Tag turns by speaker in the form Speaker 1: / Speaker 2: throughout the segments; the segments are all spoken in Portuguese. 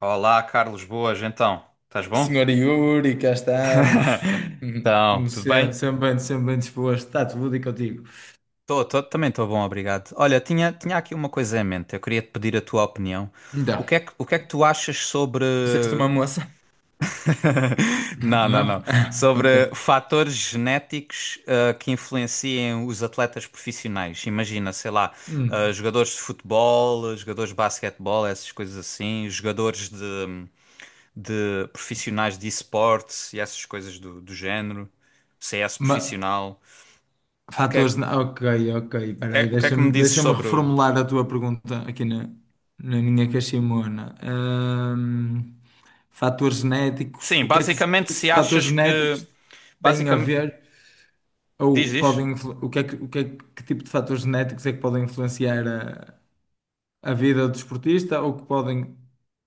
Speaker 1: Olá, Carlos, boas, então. Estás bom?
Speaker 2: Senhora Yuri, cá estamos.
Speaker 1: Então,
Speaker 2: Como
Speaker 1: tudo
Speaker 2: sempre,
Speaker 1: bem?
Speaker 2: sempre bem disposto. Está tudo e contigo.
Speaker 1: Também estou bom, obrigado. Olha, tinha aqui uma coisa em mente. Eu queria te pedir a tua opinião.
Speaker 2: Então,
Speaker 1: O que é que tu achas sobre.
Speaker 2: disseste uma moça?
Speaker 1: Não, não, não.
Speaker 2: Não? Ah, ok.
Speaker 1: Sobre fatores genéticos que influenciem os atletas profissionais. Imagina, sei lá,
Speaker 2: Hum.
Speaker 1: jogadores de futebol, jogadores de basquetebol, essas coisas assim, jogadores de. De profissionais de esportes e essas coisas do, do género, CS
Speaker 2: Ma-
Speaker 1: profissional. O que é,
Speaker 2: fatores. na- Ok, ok. Espera aí,
Speaker 1: o que é que me
Speaker 2: deixa-me
Speaker 1: dizes
Speaker 2: deixa-me
Speaker 1: sobre.
Speaker 2: reformular a tua pergunta aqui na minha caiximona. Fatores genéticos.
Speaker 1: Sim,
Speaker 2: O que é que os, o
Speaker 1: basicamente,
Speaker 2: que é que os
Speaker 1: se
Speaker 2: fatores
Speaker 1: achas que.
Speaker 2: genéticos têm a
Speaker 1: Basicamente,
Speaker 2: ver?
Speaker 1: diz,
Speaker 2: Ou
Speaker 1: diz.
Speaker 2: podem, o que é que, o que é que tipo de fatores genéticos é que podem influenciar a vida do desportista ou que podem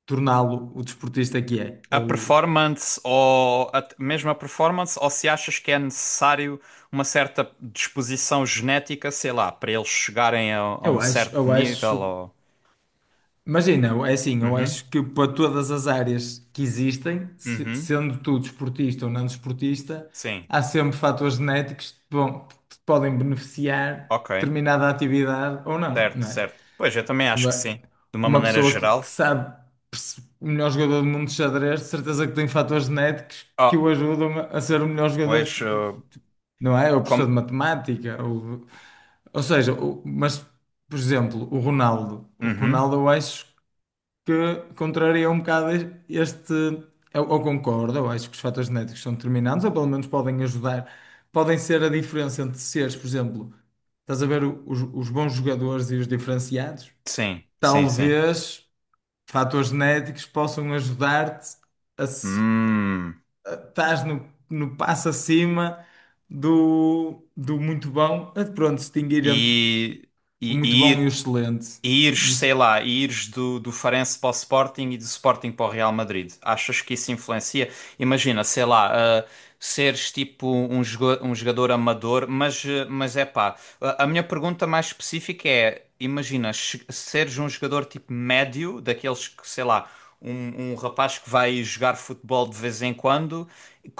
Speaker 2: torná-lo o desportista que é.
Speaker 1: A
Speaker 2: Ou,
Speaker 1: performance ou a, mesmo a performance, ou se achas que é necessário uma certa disposição genética, sei lá, para eles chegarem a um
Speaker 2: eu acho,
Speaker 1: certo
Speaker 2: eu
Speaker 1: nível
Speaker 2: acho,
Speaker 1: ou.
Speaker 2: imagina, é assim, eu
Speaker 1: Uhum,
Speaker 2: acho que para todas as áreas que existem,
Speaker 1: uhum,
Speaker 2: sendo tu desportista ou não desportista,
Speaker 1: sim,
Speaker 2: há sempre fatores genéticos que que te podem beneficiar
Speaker 1: ok,
Speaker 2: determinada atividade ou não,
Speaker 1: certo,
Speaker 2: não é?
Speaker 1: certo. Pois eu também acho que sim,
Speaker 2: Ba-
Speaker 1: de uma
Speaker 2: Uma
Speaker 1: maneira
Speaker 2: pessoa que
Speaker 1: geral.
Speaker 2: sabe o melhor jogador do mundo de xadrez, de certeza que tem fatores genéticos que o
Speaker 1: Oh,
Speaker 2: ajudam a ser o melhor jogador,
Speaker 1: pois,
Speaker 2: não é? Ou professor
Speaker 1: com...
Speaker 2: de matemática, ou seja, mas, por exemplo, o Ronaldo. O
Speaker 1: Uhum.
Speaker 2: Ronaldo, eu acho que contraria um bocado este. Eu concordo, eu acho que os fatores genéticos são determinantes, ou pelo menos podem ajudar, podem ser a diferença entre seres, por exemplo. Estás a ver os bons jogadores e os diferenciados?
Speaker 1: Sim, sim, sim.
Speaker 2: Talvez fatores genéticos possam ajudar-te a
Speaker 1: Hum.
Speaker 2: estás no passo acima do, do muito bom, a pronto, distinguir entre
Speaker 1: E,
Speaker 2: o muito bom
Speaker 1: e,
Speaker 2: e o
Speaker 1: e
Speaker 2: excelente.
Speaker 1: E ires,
Speaker 2: Não se-
Speaker 1: sei lá, e ires do, do Farense para o Sporting e do Sporting para o Real Madrid. Achas que isso influencia? Imagina, sei lá, ah, seres tipo um, jogo, um jogador amador, mas, mas é pá. A minha pergunta mais específica é: imagina, seres um jogador tipo médio, daqueles que, sei lá, um rapaz que vai jogar futebol de vez em quando,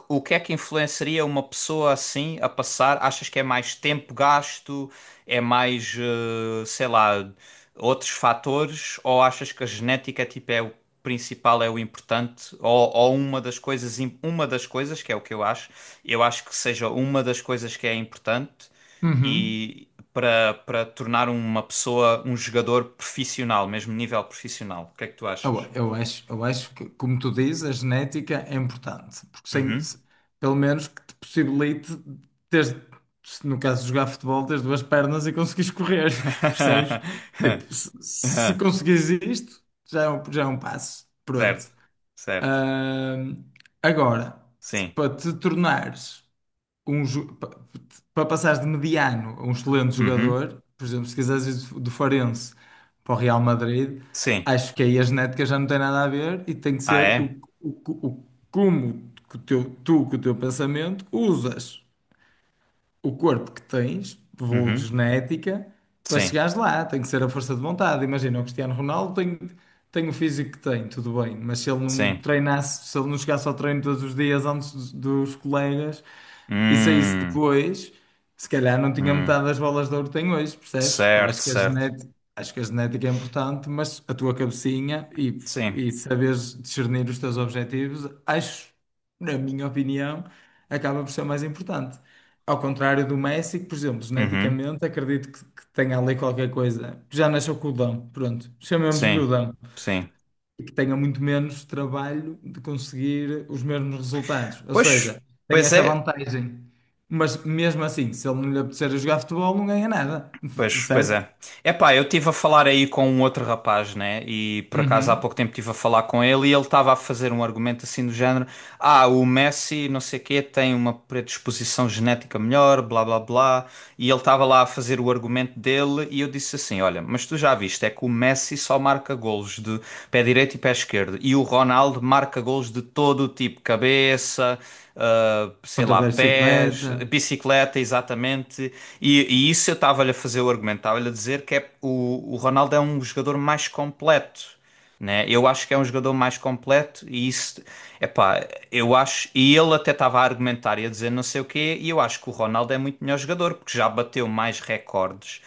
Speaker 1: o que é que influenciaria uma pessoa assim a passar? Achas que é mais tempo gasto? É mais, sei lá, outros fatores? Ou achas que a genética tipo, é o principal, é o importante? Ou uma das coisas, uma das coisas, que é o que eu acho que seja uma das coisas que é importante
Speaker 2: Uhum.
Speaker 1: e para para tornar uma pessoa um jogador profissional, mesmo nível profissional. O que é que tu
Speaker 2: Eu,
Speaker 1: achas?
Speaker 2: eu acho, eu acho que, como tu dizes, a genética é importante, porque sem,
Speaker 1: Uhum.
Speaker 2: se- pelo menos que te possibilite ter, se no caso de jogar futebol, teres duas pernas e conseguires correr, percebes? Tipo, se conseguires isto, já é um passo,
Speaker 1: Certo,
Speaker 2: pronto.
Speaker 1: certo.
Speaker 2: Ahm, agora, se
Speaker 1: Sim.
Speaker 2: para te tornares um, para passares de mediano a um excelente
Speaker 1: Uhum.
Speaker 2: jogador, por exemplo, se quiseres ir do Farense para o Real Madrid,
Speaker 1: Sim.
Speaker 2: acho que aí a genética já não tem nada a ver e tem que
Speaker 1: Ah,
Speaker 2: ser o,
Speaker 1: é?
Speaker 2: o, o como que o teu, tu, com o teu pensamento, usas o corpo que tens, vulgo
Speaker 1: Uhum.
Speaker 2: genética, para
Speaker 1: Sim,
Speaker 2: chegares lá. Tem que ser a força de vontade. Imagina, o Cristiano Ronaldo tem, tem o físico que tem, tudo bem, mas se ele não
Speaker 1: sim.
Speaker 2: treinasse, se ele não chegasse ao treino todos os dias antes dos colegas. E saísse
Speaker 1: Hum,
Speaker 2: depois, se calhar não tinha
Speaker 1: hum,
Speaker 2: metade das bolas de ouro que tem hoje, percebes? Eu
Speaker 1: certo,
Speaker 2: acho que a
Speaker 1: certo.
Speaker 2: genética, acho que a genética é importante, mas a tua cabecinha
Speaker 1: Sim.
Speaker 2: e saberes discernir os teus objetivos, acho, na minha opinião, acaba por ser o mais importante. Ao contrário do Messi, que, por exemplo,
Speaker 1: Uhum,
Speaker 2: geneticamente, acredito que tenha ali qualquer coisa. Já nasceu com o dom, pronto, chamemos-lhe o
Speaker 1: sim,
Speaker 2: dom
Speaker 1: sim.
Speaker 2: e que tenha muito menos trabalho de conseguir os mesmos resultados. Ou
Speaker 1: Pois,
Speaker 2: seja, tem
Speaker 1: pois
Speaker 2: esta
Speaker 1: é,
Speaker 2: vantagem. Mas mesmo assim, se ele não lhe apetecer a jogar futebol, não ganha nada,
Speaker 1: pois, pois é.
Speaker 2: certo?
Speaker 1: Epá, eu estive a falar aí com um outro rapaz, né? E por acaso há
Speaker 2: Uhum.
Speaker 1: pouco tempo estive a falar com ele e ele estava a fazer um argumento assim do género: ah, o Messi, não sei quê, tem uma predisposição genética melhor, blá blá blá. E ele estava lá a fazer o argumento dele e eu disse assim: olha, mas tu já viste, é que o Messi só marca golos de pé direito e pé esquerdo e o Ronaldo marca golos de todo o tipo, cabeça, sei
Speaker 2: Ponta
Speaker 1: lá,
Speaker 2: de
Speaker 1: pés,
Speaker 2: bicicleta.
Speaker 1: bicicleta, exatamente. E isso eu estava-lhe a fazer o argumento, estava-lhe a dizer que é, o Ronaldo é um jogador mais completo, né? Eu acho que é um jogador mais completo e isso, epá, eu acho, e ele até estava a argumentar e a dizer não sei o quê, e eu acho que o Ronaldo é muito melhor jogador, porque já bateu mais recordes,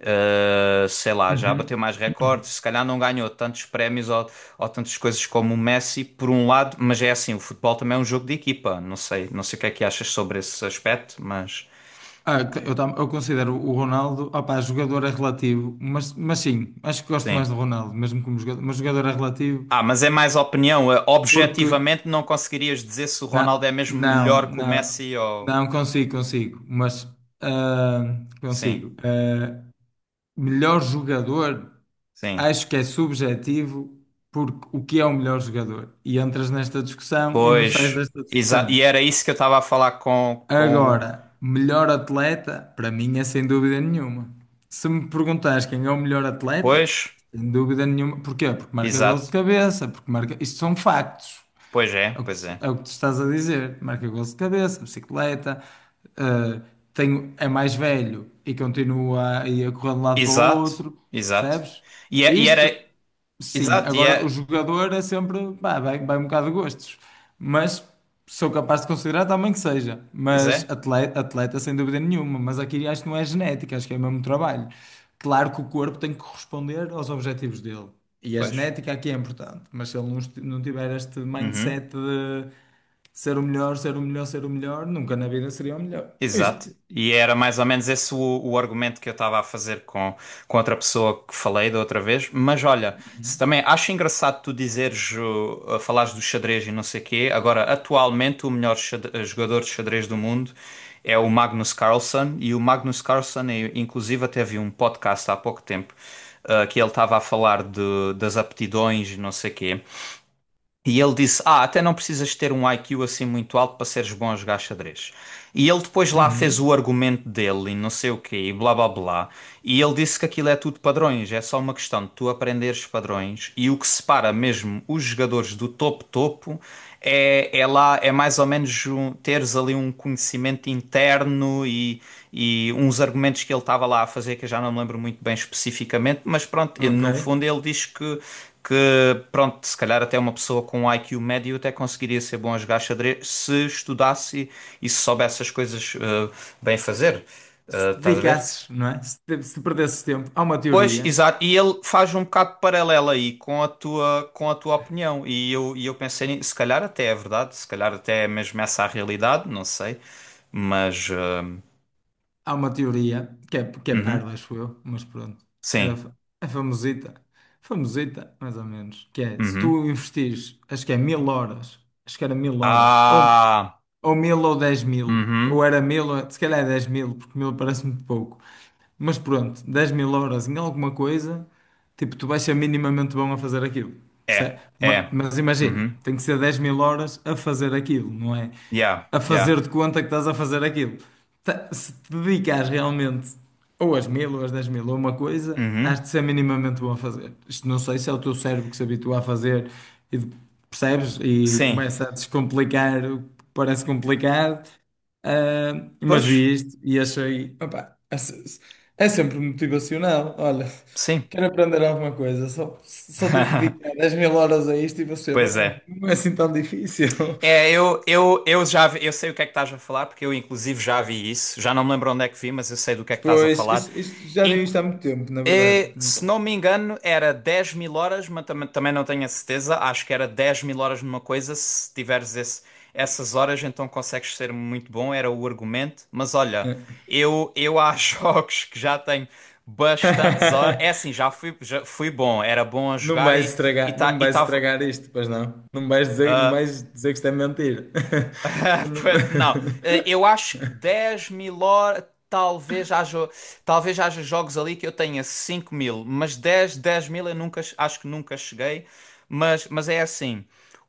Speaker 1: sei lá, já bateu
Speaker 2: Uhum.
Speaker 1: mais recordes, se calhar não ganhou tantos prémios ou tantas coisas como o Messi, por um lado, mas é assim, o futebol também é um jogo de equipa, não sei, não sei o que é que achas sobre esse aspecto, mas
Speaker 2: Ah, eu considero o Ronaldo, opá, jogador é relativo, mas sim, acho que gosto mais
Speaker 1: sim.
Speaker 2: do Ronaldo, mesmo como jogador, mas jogador é relativo,
Speaker 1: Ah, mas é mais opinião.
Speaker 2: porque
Speaker 1: Objetivamente, não conseguirias dizer se o Ronaldo é mesmo
Speaker 2: não,
Speaker 1: melhor que o
Speaker 2: não,
Speaker 1: Messi ou.
Speaker 2: não, consigo, consigo, mas ah,
Speaker 1: Sim,
Speaker 2: consigo. Melhor jogador,
Speaker 1: sim.
Speaker 2: acho que é subjetivo, porque o que é o melhor jogador? E entras nesta discussão e não sais
Speaker 1: Pois,
Speaker 2: desta
Speaker 1: exato. E
Speaker 2: discussão.
Speaker 1: era isso que eu estava a falar com o.
Speaker 2: Agora, melhor atleta, para mim é sem dúvida nenhuma. Se me perguntares quem é o melhor
Speaker 1: Pois,
Speaker 2: atleta, sem dúvida nenhuma. Porquê? Porque marca gols de
Speaker 1: exato.
Speaker 2: cabeça, porque marca. Isto são factos.
Speaker 1: Pois é,
Speaker 2: É o que
Speaker 1: pois
Speaker 2: tu,
Speaker 1: é.
Speaker 2: é o que tu estás a dizer. Marca gols de cabeça, bicicleta, eh, tenho, é mais velho e continua aí a correr de um lado para o
Speaker 1: Exato,
Speaker 2: outro,
Speaker 1: exato.
Speaker 2: percebes?
Speaker 1: E era.
Speaker 2: Isto. Sim,
Speaker 1: Exato, e
Speaker 2: agora o
Speaker 1: é.
Speaker 2: jogador é sempre, pá, vai um bocado de gostos, mas sou capaz de considerar também que seja,
Speaker 1: Pois
Speaker 2: mas
Speaker 1: é,
Speaker 2: atleta, atleta sem dúvida nenhuma, mas aqui acho que não é genética, acho que é mesmo trabalho. Claro que o corpo tem que corresponder aos objetivos dele, e a
Speaker 1: pois.
Speaker 2: genética aqui é importante, mas se ele não tiver este
Speaker 1: Uhum.
Speaker 2: mindset de ser o melhor, ser o melhor, ser o melhor, nunca na vida seria o melhor. Isto.
Speaker 1: Exato, e era mais ou menos esse o argumento que eu estava a fazer com outra pessoa que falei da outra vez. Mas olha, se também acho engraçado tu dizeres, falares do xadrez e não sei quê. Agora, atualmente, o melhor jogador de xadrez do mundo é o Magnus Carlsen, e o Magnus Carlsen, inclusive, até vi um podcast há pouco tempo, que ele estava a falar de, das aptidões e não sei quê. E ele disse: Ah, até não precisas ter um IQ assim muito alto para seres bom a jogar xadrez. E ele depois lá fez
Speaker 2: Uhum.
Speaker 1: o argumento dele e não sei o quê, e blá blá blá. E ele disse que aquilo é tudo padrões, é só uma questão de tu aprenderes padrões. E o que separa mesmo os jogadores do topo-topo é, é mais ou menos teres ali um conhecimento interno e uns argumentos que ele estava lá a fazer, que eu já não me lembro muito bem especificamente, mas pronto, e
Speaker 2: Ok.
Speaker 1: no fundo ele diz que pronto, se calhar até uma pessoa com um IQ médio até conseguiria ser bom a jogar xadrez se estudasse e se soubesse as coisas bem fazer.
Speaker 2: Se te
Speaker 1: Estás a ver?
Speaker 2: dedicasses, não é? Se perdesses tempo, há uma
Speaker 1: Pois,
Speaker 2: teoria.
Speaker 1: exato, e ele faz um bocado de paralelo aí com a tua opinião. E eu pensei, se calhar até é verdade, se calhar até é mesmo essa a realidade, não sei, mas.
Speaker 2: Há uma teoria que é
Speaker 1: Uhum,
Speaker 2: parva, acho eu, mas pronto. Era,
Speaker 1: sim.
Speaker 2: fa- é famosita. Famosita, mais ou menos. Que é, se
Speaker 1: Uhum.
Speaker 2: tu investires, acho que é 1000 horas, acho que era 1000 horas,
Speaker 1: Ah!
Speaker 2: ou 1000 ou 10 000. Ou
Speaker 1: Uhum.
Speaker 2: era mil, se calhar é 10 000, porque mil parece muito pouco. Mas pronto, 10 000 horas em alguma coisa, tipo, tu vais ser minimamente bom a fazer aquilo.
Speaker 1: É, é.
Speaker 2: Mas imagina,
Speaker 1: Uhum.
Speaker 2: tem que ser 10 000 horas a fazer aquilo, não é?
Speaker 1: Yeah,
Speaker 2: A
Speaker 1: yeah.
Speaker 2: fazer de conta que estás a fazer aquilo. Se te dedicares realmente. Ou as mil, ou as 10 000, ou uma coisa,
Speaker 1: Uhum.
Speaker 2: has de ser minimamente bom a fazer. Isto não sei se é o teu cérebro que se habitua a fazer e percebes e
Speaker 1: Sim.
Speaker 2: começa a descomplicar o que parece complicado. Ah, mas
Speaker 1: Pois,
Speaker 2: vi isto e achei, opá, é sempre motivacional. Olha,
Speaker 1: sim.
Speaker 2: quero aprender alguma coisa, só tenho que dedicar 10 000 horas a isto e vou ser
Speaker 1: Pois
Speaker 2: bom.
Speaker 1: é.
Speaker 2: Não é assim tão difícil.
Speaker 1: É, eu sei o que é que estás a falar, porque eu inclusive já vi isso. Já não me lembro onde é que vi, mas eu sei do que é que estás a
Speaker 2: Pois,
Speaker 1: falar.
Speaker 2: já vi isto há muito tempo, na verdade.
Speaker 1: Se não me engano, era 10.000 horas, mas tam também não tenho a certeza. Acho que era 10.000 horas numa coisa. Se tiveres esse- Essas horas, então consegues ser muito bom. Era o argumento. Mas olha,
Speaker 2: É.
Speaker 1: eu há jogos que já tenho bastantes horas. É assim, já fui bom. Era bom a
Speaker 2: Não me
Speaker 1: jogar
Speaker 2: vais
Speaker 1: e
Speaker 2: estragar, não me vais
Speaker 1: estava.
Speaker 2: estragar isto, pois não. Não me vais dizer que isto é mentira. Que não-
Speaker 1: Não, eu acho que 10.000 horas. Talvez haja, talvez haja jogos ali que eu tenha 5.000, mas 10 10 mil eu nunca, acho que nunca cheguei. Mas é assim: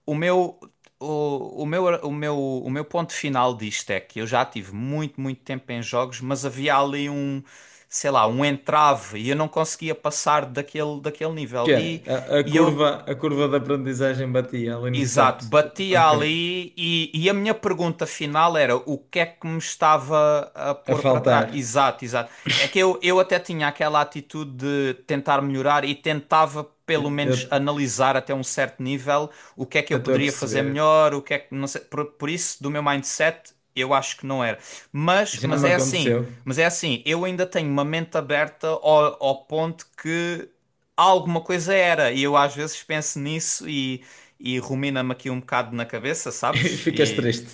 Speaker 1: o meu, o meu ponto final disto é que eu já tive muito, muito tempo em jogos, mas havia ali um, sei lá, um entrave e eu não conseguia passar daquele, daquele nível.
Speaker 2: Que é, a, a
Speaker 1: E eu
Speaker 2: curva, a curva da aprendizagem batia ali no
Speaker 1: Exato,
Speaker 2: teto.
Speaker 1: batia
Speaker 2: Ok.
Speaker 1: ali e a minha pergunta final era o que é que me estava a
Speaker 2: A
Speaker 1: pôr para trás?
Speaker 2: faltar.
Speaker 1: Exato, exato. É que eu até tinha aquela atitude de tentar melhorar e tentava pelo menos
Speaker 2: Eu
Speaker 1: analisar até um certo nível o que é que eu
Speaker 2: eu estou a
Speaker 1: poderia fazer
Speaker 2: perceber.
Speaker 1: melhor, o que é que não sei, por isso do meu mindset eu acho que não era.
Speaker 2: Já
Speaker 1: Mas
Speaker 2: me
Speaker 1: é assim,
Speaker 2: aconteceu.
Speaker 1: mas, é assim, eu ainda tenho uma mente aberta ao, ao ponto que alguma coisa era. E eu às vezes penso nisso e rumina-me aqui um bocado na cabeça,
Speaker 2: E
Speaker 1: sabes?
Speaker 2: ficas
Speaker 1: E.
Speaker 2: triste.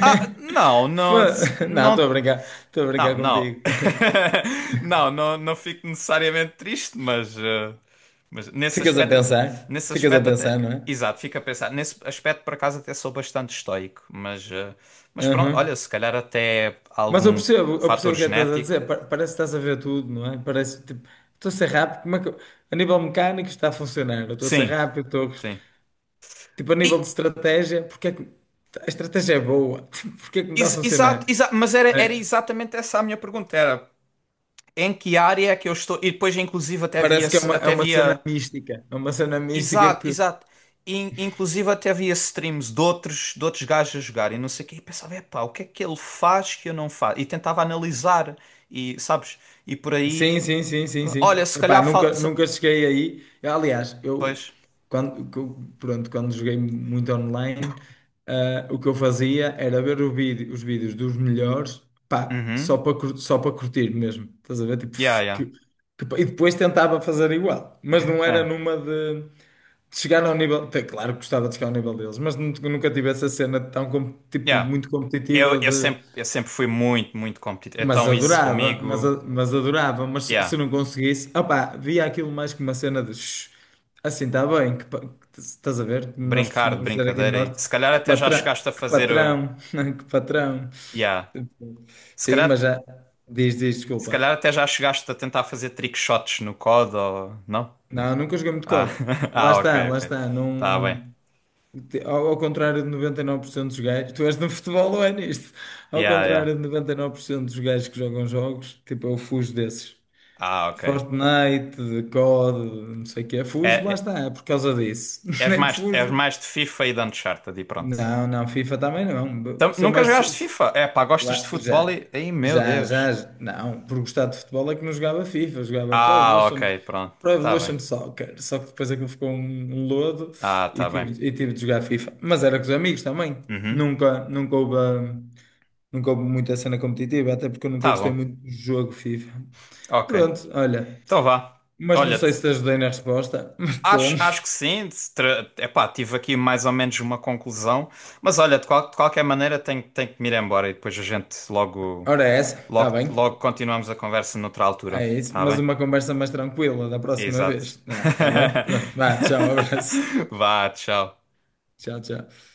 Speaker 1: Ah, não, não,
Speaker 2: Foi- Não, estou a
Speaker 1: não,
Speaker 2: brincar. Estou a brincar
Speaker 1: não, não.
Speaker 2: contigo.
Speaker 1: Não, não, não fico necessariamente triste, mas, mas nesse
Speaker 2: Ficas a
Speaker 1: aspecto,
Speaker 2: pensar.
Speaker 1: nesse
Speaker 2: Ficas a
Speaker 1: aspecto
Speaker 2: pensar,
Speaker 1: até.
Speaker 2: não é?
Speaker 1: Exato, fico a pensar. Nesse aspecto, por acaso, até sou bastante estoico, mas, mas pronto, olha,
Speaker 2: Uhum.
Speaker 1: se calhar até
Speaker 2: Mas eu
Speaker 1: algum
Speaker 2: percebo, eu
Speaker 1: fator
Speaker 2: percebo o que é que estás a
Speaker 1: genético.
Speaker 2: dizer. Parece que estás a ver tudo, não é? Parece tipo, estou a ser rápido, como é que eu- a nível mecânico está a funcionar? Eu estou a ser
Speaker 1: Sim,
Speaker 2: rápido,
Speaker 1: sim.
Speaker 2: tipo a nível de
Speaker 1: E,
Speaker 2: estratégia, porque é que a estratégia é boa, tipo, porque é que não está a funcionar?
Speaker 1: Mas era, era
Speaker 2: É,
Speaker 1: exatamente essa a minha pergunta, era em que área é que eu estou, e depois inclusive
Speaker 2: parece que é
Speaker 1: até
Speaker 2: uma cena
Speaker 1: havia
Speaker 2: mística, é uma cena mística
Speaker 1: exato,
Speaker 2: que
Speaker 1: exato, inclusive até havia streams de outros gajos a jogarem, não sei o quê, e pensava, epá, o que é que ele faz que eu não faço? E tentava analisar, e sabes, e por
Speaker 2: sim,
Speaker 1: aí,
Speaker 2: sim, sim, sim,
Speaker 1: pronto. Olha,
Speaker 2: sim.
Speaker 1: se
Speaker 2: Epá,
Speaker 1: calhar,
Speaker 2: nunca, nunca cheguei aí. Eu, aliás, eu
Speaker 1: pois,
Speaker 2: pronto, quando joguei muito online, o que eu fazia era ver os vídeos dos melhores, pá, só
Speaker 1: uhum,
Speaker 2: para cur- só para curtir mesmo. Estás a ver? Tipo,
Speaker 1: yeah, yeah,
Speaker 2: e depois tentava fazer igual, mas não era
Speaker 1: ah,
Speaker 2: numa de chegar ao nível. Tá, Claro que gostava de chegar ao nível deles, mas nunca tive essa cena tipo,
Speaker 1: yeah,
Speaker 2: muito competitiva,
Speaker 1: eu sempre fui muito, muito competitivo,
Speaker 2: mas
Speaker 1: então isso
Speaker 2: adorava, mas,
Speaker 1: comigo,
Speaker 2: mas adorava, mas se
Speaker 1: yeah.
Speaker 2: se não conseguisse, opá, via aquilo mais que uma cena de "Shh, assim está bem, que, estás a ver? Nós
Speaker 1: Brincar de
Speaker 2: costumamos dizer aqui no
Speaker 1: brincadeira. E
Speaker 2: Norte,
Speaker 1: se calhar até já chegaste a
Speaker 2: que
Speaker 1: fazer.
Speaker 2: patrão, que patrão.
Speaker 1: Yeah.
Speaker 2: Tipo,
Speaker 1: Se
Speaker 2: sim, mas
Speaker 1: calhar,
Speaker 2: já diz, diz,
Speaker 1: se
Speaker 2: desculpa.
Speaker 1: calhar até já chegaste a tentar fazer trick shots no COD ou. Não?
Speaker 2: Não, nunca joguei muito
Speaker 1: Ah,
Speaker 2: COD. Lá
Speaker 1: ah
Speaker 2: está,
Speaker 1: ok,
Speaker 2: lá
Speaker 1: ok.
Speaker 2: está.
Speaker 1: Tá bem.
Speaker 2: Não... Ao, ao contrário de 99% dos gajos, tu és no futebol ou é nisto? Ao
Speaker 1: Yeah, yeah.
Speaker 2: contrário de 99% dos gajos que jogam jogos, tipo, eu fujo desses.
Speaker 1: Ah, ok.
Speaker 2: Fortnite, COD, não sei o quê.
Speaker 1: É,
Speaker 2: Fujo, lá
Speaker 1: é-
Speaker 2: está, é por causa disso. Nem
Speaker 1: és
Speaker 2: fujo.
Speaker 1: mais de FIFA e de Uncharted e pronto.
Speaker 2: Não, não, FIFA também não. Sou
Speaker 1: Nunca
Speaker 2: mais.
Speaker 1: jogaste FIFA? É pá, gostas de
Speaker 2: Lá-
Speaker 1: futebol
Speaker 2: já,
Speaker 1: e. Ai, meu
Speaker 2: já, já,
Speaker 1: Deus.
Speaker 2: já. Não, por gostar de futebol é que não jogava FIFA, jogava Pro
Speaker 1: Ah,
Speaker 2: Evolution,
Speaker 1: ok, pronto.
Speaker 2: Pro
Speaker 1: Tá bem.
Speaker 2: Evolution Soccer. Só que depois aquilo ficou um, um lodo
Speaker 1: Ah, tá bem.
Speaker 2: e tive de jogar FIFA. Mas era com os amigos também.
Speaker 1: Uhum.
Speaker 2: Nunca houve, nunca houve muita cena competitiva, até porque eu nunca
Speaker 1: Tá
Speaker 2: gostei
Speaker 1: bom.
Speaker 2: muito do jogo FIFA.
Speaker 1: Ok.
Speaker 2: Pronto, olha.
Speaker 1: Então vá.
Speaker 2: Mas não
Speaker 1: Olha,
Speaker 2: sei se te ajudei na resposta, mas pronto.
Speaker 1: Acho que sim, epá, tive aqui mais ou menos uma conclusão, mas olha, de, de qualquer maneira tenho que me ir embora e depois a gente logo,
Speaker 2: Ora, é essa, está bem.
Speaker 1: logo continuamos a conversa noutra altura,
Speaker 2: É isso.
Speaker 1: tá
Speaker 2: Mas
Speaker 1: bem?
Speaker 2: uma conversa mais tranquila da próxima
Speaker 1: Exato.
Speaker 2: vez. Está bem? Pronto. Vá, tchau, abraço.
Speaker 1: Vá, tchau.
Speaker 2: Tchau, tchau.